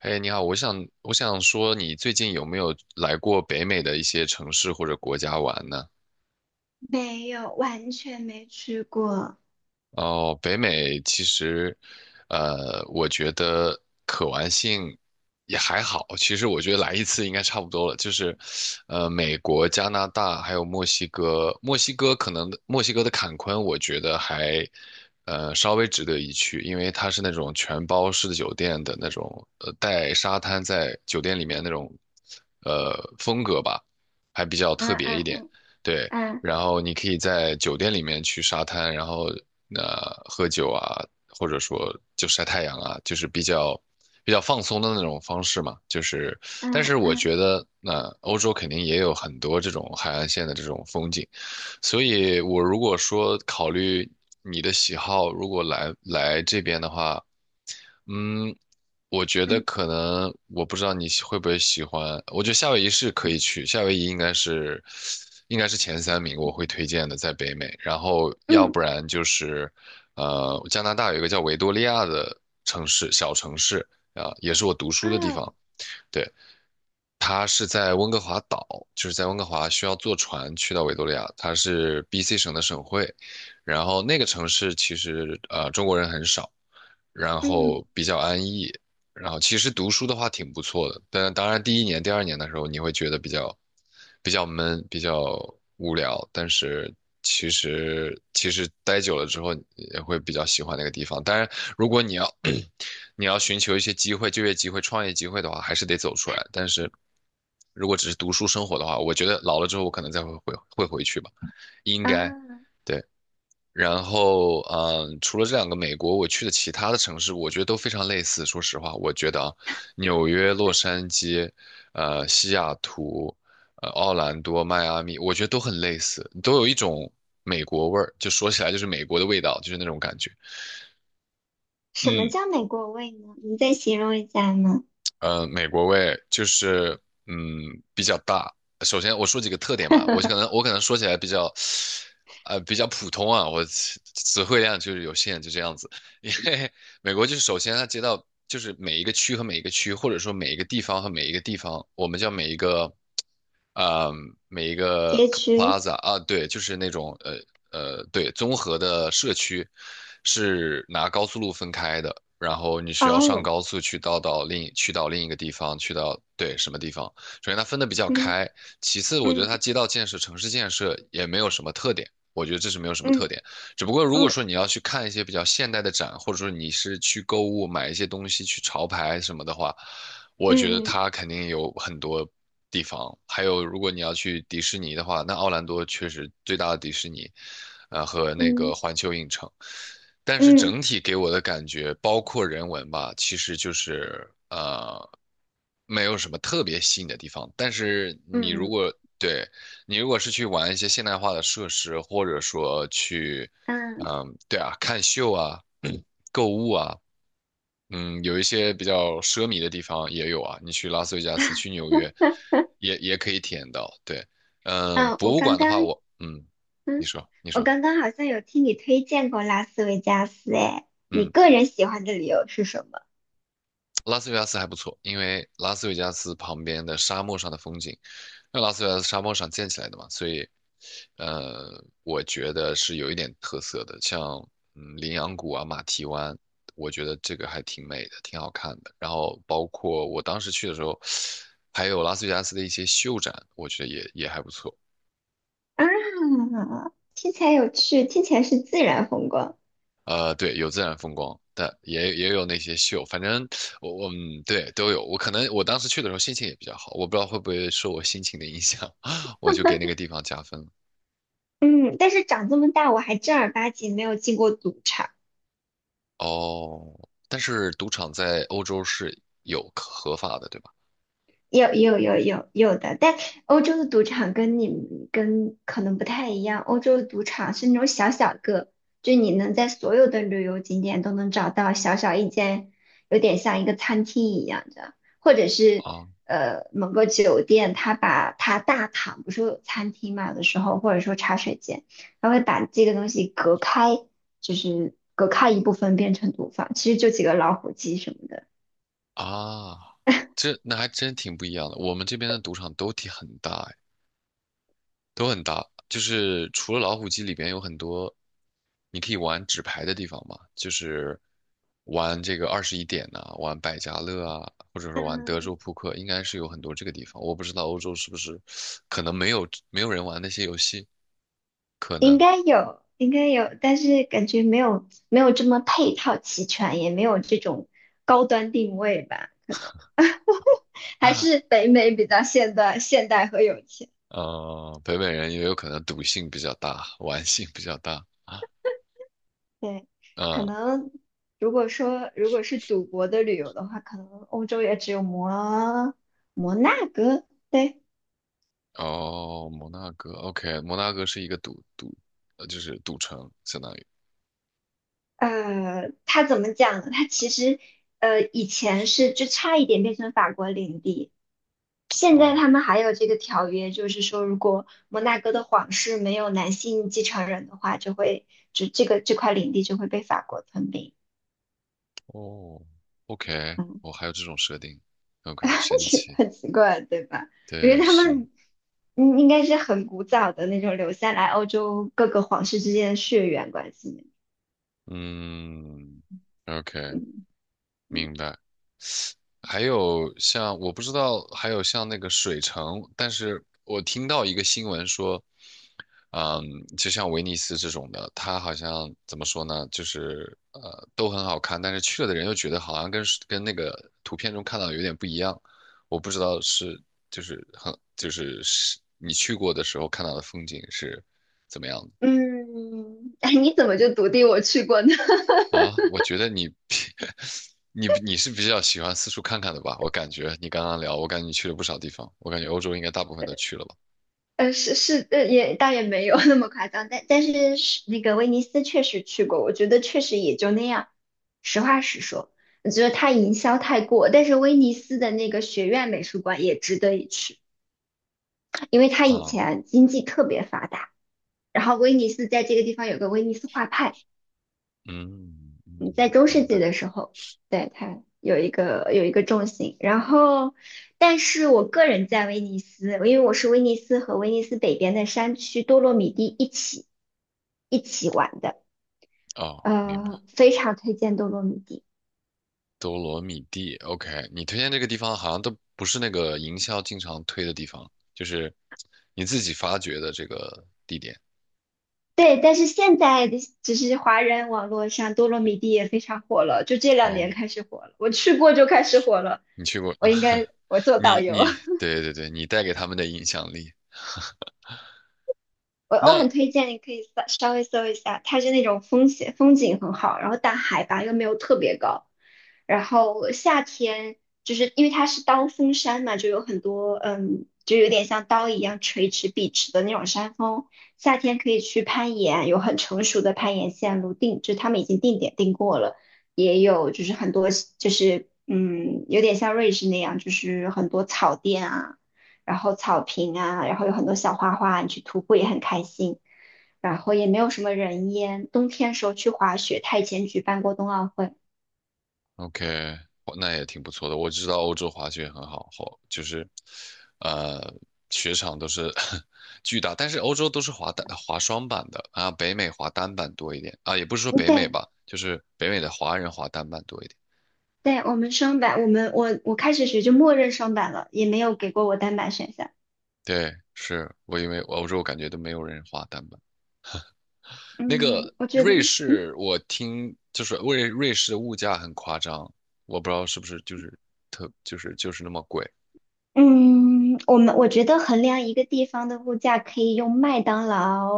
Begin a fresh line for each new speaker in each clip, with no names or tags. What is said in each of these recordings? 嘿，你好，我想说，你最近有没有来过北美的一些城市或者国家玩呢？
没有，完全没去过。
哦，北美其实，我觉得可玩性也还好。其实我觉得来一次应该差不多了。就是，美国、加拿大还有墨西哥，墨西哥可能墨西哥的坎昆，我觉得还，稍微值得一去，因为它是那种全包式的酒店的那种，带沙滩在酒店里面那种，风格吧，还比较
啊
特别一
啊
点。对，
啊
然后你可以在酒店里面去沙滩，然后喝酒啊，或者说就晒太阳啊，就是比较放松的那种方式嘛。就是，
啊
但
啊
是我
啊
觉得欧洲肯定也有很多这种海岸线的这种风景，所以我如果说考虑你的喜好，如果来这边的话。嗯，我觉得
嗯
可能我不知道你会不会喜欢，我觉得夏威夷是可以去，夏威夷应该是前三名我会推荐的，在北美。然后要
嗯
不然就是加拿大有一个叫维多利亚的城市，小城市啊，也是我读书的地方。
啊
对，它是在温哥华岛，就是在温哥华需要坐船去到维多利亚，它是 BC 省的省会。然后那个城市其实中国人很少。然
嗯
后比较安逸，然后其实读书的话挺不错的，但当然第一年、第二年的时候你会觉得比较闷、比较无聊，但是其实待久了之后也会比较喜欢那个地方。当然，如果你要 你要寻求一些机会、就业机会、创业机会的话，还是得走出来。但是如果只是读书生活的话，我觉得老了之后我可能再会回会回去吧，应该，
啊！
对。然后，嗯，除了这两个美国，我去的其他的城市，我觉得都非常类似。说实话，我觉得啊，纽约、洛杉矶、西雅图、奥兰多、迈阿密，我觉得都很类似，都有一种美国味儿，就说起来就是美国的味道，就是那种感觉。
什么
嗯，
叫美国味呢？你再形容一下呢？
美国味就是嗯比较大。首先我说几个特点吧，我可能 我可能说起来比较，比较普通啊，我词汇量就是有限，就这样子。因为美国就是首先它街道就是每一个区和每一个区，或者说每一个地方和每一个地方，我们叫每一个呃，每一个
街区。
plaza 啊，对，就是那种对，综合的社区是拿高速路分开的，然后你需要上
哦，
高速去到另一个地方，去到对什么地方。首先它分的比较
嗯
开，其次我觉得它
嗯
街道建设、城市建设也没有什么特点。我觉得这是没有什么特
嗯
点，只不过如果
嗯
说你要去看一些比较现代的展，或者说你是去购物买一些东西去潮牌什么的话，我觉得
嗯嗯
它肯定有很多地方。还有，如果你要去迪士尼的话，那奥兰多确实最大的迪士尼，和那
嗯
个环球影城。但是
嗯
整体给我的感觉，包括人文吧，其实就是没有什么特别吸引的地方。但是你如
嗯
果对你如果是去玩一些现代化的设施，或者说去，
嗯。
嗯，对啊，看秀啊，购物啊，嗯，有一些比较奢靡的地方也有啊。你去拉斯维加斯，去纽约，也可以体验到。对，嗯，
嗯，
博物馆的话，我嗯，你
嗯，
说，你
我
说，
刚刚好像有听你推荐过拉斯维加斯，哎，你
嗯，
个人喜欢的理由是什么？
拉斯维加斯还不错，因为拉斯维加斯旁边的沙漠上的风景那拉斯维加斯沙漠上建起来的嘛，所以，我觉得是有一点特色的，像嗯羚羊谷啊、马蹄湾，我觉得这个还挺美的，挺好看的。然后包括我当时去的时候，还有拉斯维加斯的一些秀展，我觉得也还不错。
啊，听起来有趣，听起来是自然风光。
对，有自然风光，但也有那些秀，反正我嗯对都有。我可能我当时去的时候心情也比较好，我不知道会不会受我心情的影响，我就给那个地方加分了。
嗯，但是长这么大，我还正儿八经没有进过赌场。
哦，但是赌场在欧洲是有合法的，对吧？
有的，但欧洲的赌场跟你们跟可能不太一样。欧洲的赌场是那种小小个，就你能在所有的旅游景点都能找到小小一间，有点像一个餐厅一样的，或者是
啊
某个酒店，他把他大堂不是有餐厅嘛，有的时候或者说茶水间，他会把这个东西隔开，就是隔开一部分变成赌坊，其实就几个老虎机什么的。
啊，这那还真挺不一样的。我们这边的赌场都挺很大，哎，都很大。就是除了老虎机里边有很多你可以玩纸牌的地方嘛，就是玩这个二十一点呐、玩百家乐啊，或者是玩德州扑克，应该是有很多这个地方。我不知道欧洲是不是可能没有人玩那些游戏，可
应
能。
该有，应该有，但是感觉没有这么配套齐全，也没有这种高端定位吧，可能还
啊。
是北美比较现代和有钱。
北美人也有可能赌性比较大，玩性比较大。啊。
对，可
嗯，
能如果是赌博的旅游的话，可能欧洲也只有摩纳哥。对，
哦，摩纳哥，OK，摩纳哥是一个赌赌，呃，就是赌城，相当于。
它怎么讲呢？它其实以前是就差一点变成法国领地，现在
哦
他们还有这个条约，就是说，如果摩纳哥的皇室没有男性继承人的话，就会就这块领地就会被法国吞并。
哦，OK，
嗯，
我还有这种设定，OK，神 奇，
很奇怪，对吧？因为
对，
他
是，
们应该是很古早的那种留下来欧洲各个皇室之间的血缘关系。
嗯，OK，明白。还有像我不知道，还有像那个水城，但是我听到一个新闻说，嗯，就像威尼斯这种的，它好像怎么说呢，就是都很好看，但是去了的人又觉得好像跟那个图片中看到的有点不一样，我不知道是就是很就是是你去过的时候看到的风景是怎么样
嗯，哎，你怎么就笃定我去过呢？
的啊？我觉得你 你是比较喜欢四处看看的吧？我感觉你刚刚聊，我感觉你去了不少地方，我感觉欧洲应该大部分都去了吧？
是是，也倒也没有那么夸张，但是那个威尼斯确实去过，我觉得确实也就那样。实话实说，我觉得它营销太过，但是威尼斯的那个学院美术馆也值得一去，因为它以
啊，
前经济特别发达，然后威尼斯在这个地方有个威尼斯画派，
嗯嗯，
嗯，
嗯
在中
明
世
白
纪的时候，对，它有一个重心。然后，但是我个人在威尼斯，因为我是威尼斯和威尼斯北边的山区多洛米蒂一起玩的，
哦，明白。
非常推荐多洛米蒂。
多罗米蒂，OK，你推荐这个地方好像都不是那个营销经常推的地方，就是你自己发掘的这个地点。
对，但是现在的只是华人网络上多洛米蒂也非常火了，就这两
哦，
年开始火了。我去过就开始火了，
你去过，
我应该 我做导
你
游。
你对对对，你带给他们的影响力。
我
那
很推荐你可以稍微搜一下，它是那种风景很好，然后但海拔又没有特别高，然后夏天就是因为它是刀锋山嘛，就有很多就有点像刀一样垂直笔直的那种山峰，夏天可以去攀岩，有很成熟的攀岩线路定，就是他们已经定点定过了，也有就是很多就是有点像瑞士那样，就是很多草甸啊。然后草坪啊，然后有很多小花花，你去徒步也很开心。然后也没有什么人烟，冬天时候去滑雪，他以前举办过冬奥会。
OK,哦那也挺不错的。我知道欧洲滑雪很好，好就是呃雪场都是 巨大，但是欧洲都是滑双板的啊，北美滑单板多一点啊，也不是说
嗯
北美
对
吧，就是北美的华人滑单板多一点。
对，我们双板，我们我我开始学就默认双板了，也没有给过我单板选项。
对，是我因为欧洲感觉都没有人花单板。那个
嗯，我觉得，
瑞
嗯
士，我听就是瑞士的物价很夸张，我不知道是不是就是特就是就是那么贵
嗯，我觉得衡量一个地方的物价，可以用麦当劳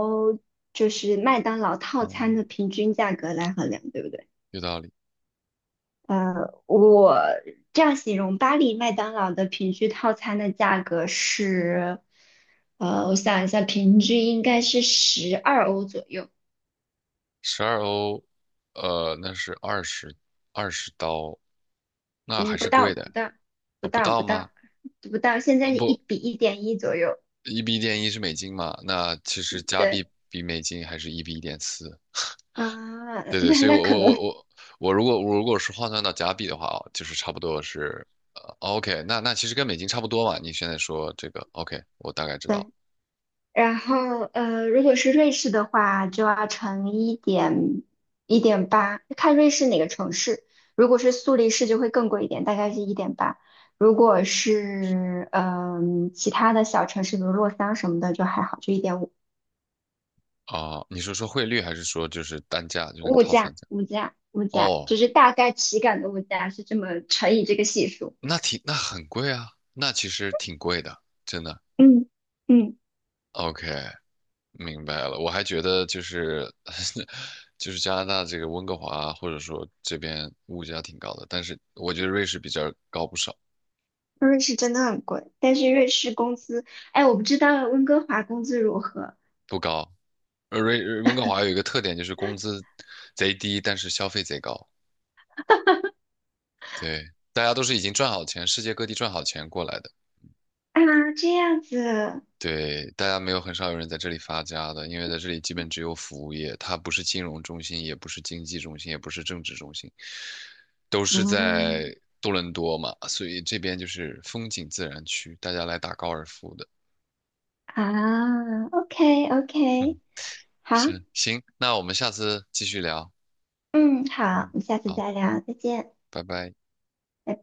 就是麦当劳套
啊，
餐的平均价格来衡量，对不对？
有道理。
我这样形容巴黎麦当劳的平均套餐的价格是，我想一下，平均应该是12欧左右，
十二欧，那是二十刀，那还
嗯，不
是
到，
贵的
不到，不
啊，不
到，
到
不
吗？
到，不到，现
呃，
在是一
不，
比一点一左右，
一比一点一是美金嘛，那其实加
对，
币比美金还是一比一点四，
啊，
对 对，
那
所以我
那可
我
能。
我 我我如果是换算到加币的话，就是差不多是，呃，OK，那那其实跟美金差不多嘛。你现在说这个，OK，我大概知
对。
道
然后如果是瑞士的话，就要乘一点一点八，看瑞士哪个城市。如果是苏黎世就会更贵一点，大概是一点八。如果是其他的小城市，比如洛桑什么的，就还好，就1.5。
啊，你是说汇率还是说就是单价，就那个
物
套餐
价，
价？
物价，物价，
哦，
就是大概体感的物价是这么乘以这个系数。
那挺那很贵啊，那其实挺贵的，真的。
嗯嗯，
OK，明白了。我还觉得就是 就是加拿大这个温哥华或者说这边物价挺高的，但是我觉得瑞士比这儿高不少，
瑞士真的很贵，但是瑞士工资，哎，我不知道温哥华工资如何
不高。呃瑞呃温哥华有一个特点就是工资贼低，但是消费贼高。对，大家都是已经赚好钱，世界各地赚好钱过来的。
啊？这样子。
对，大家没有很少有人在这里发家的，因为在这里基本只有服务业，它不是金融中心，也不是经济中心，也不是政治中心，都是
嗯
在多伦多嘛，所以这边就是风景自然区，大家来打高尔夫的。
啊，OK
嗯，
OK，好，
是，行，那我们下次继续聊。
嗯，好，
嗯，
我们下次
好，
再聊，再见。拜
拜拜。
拜。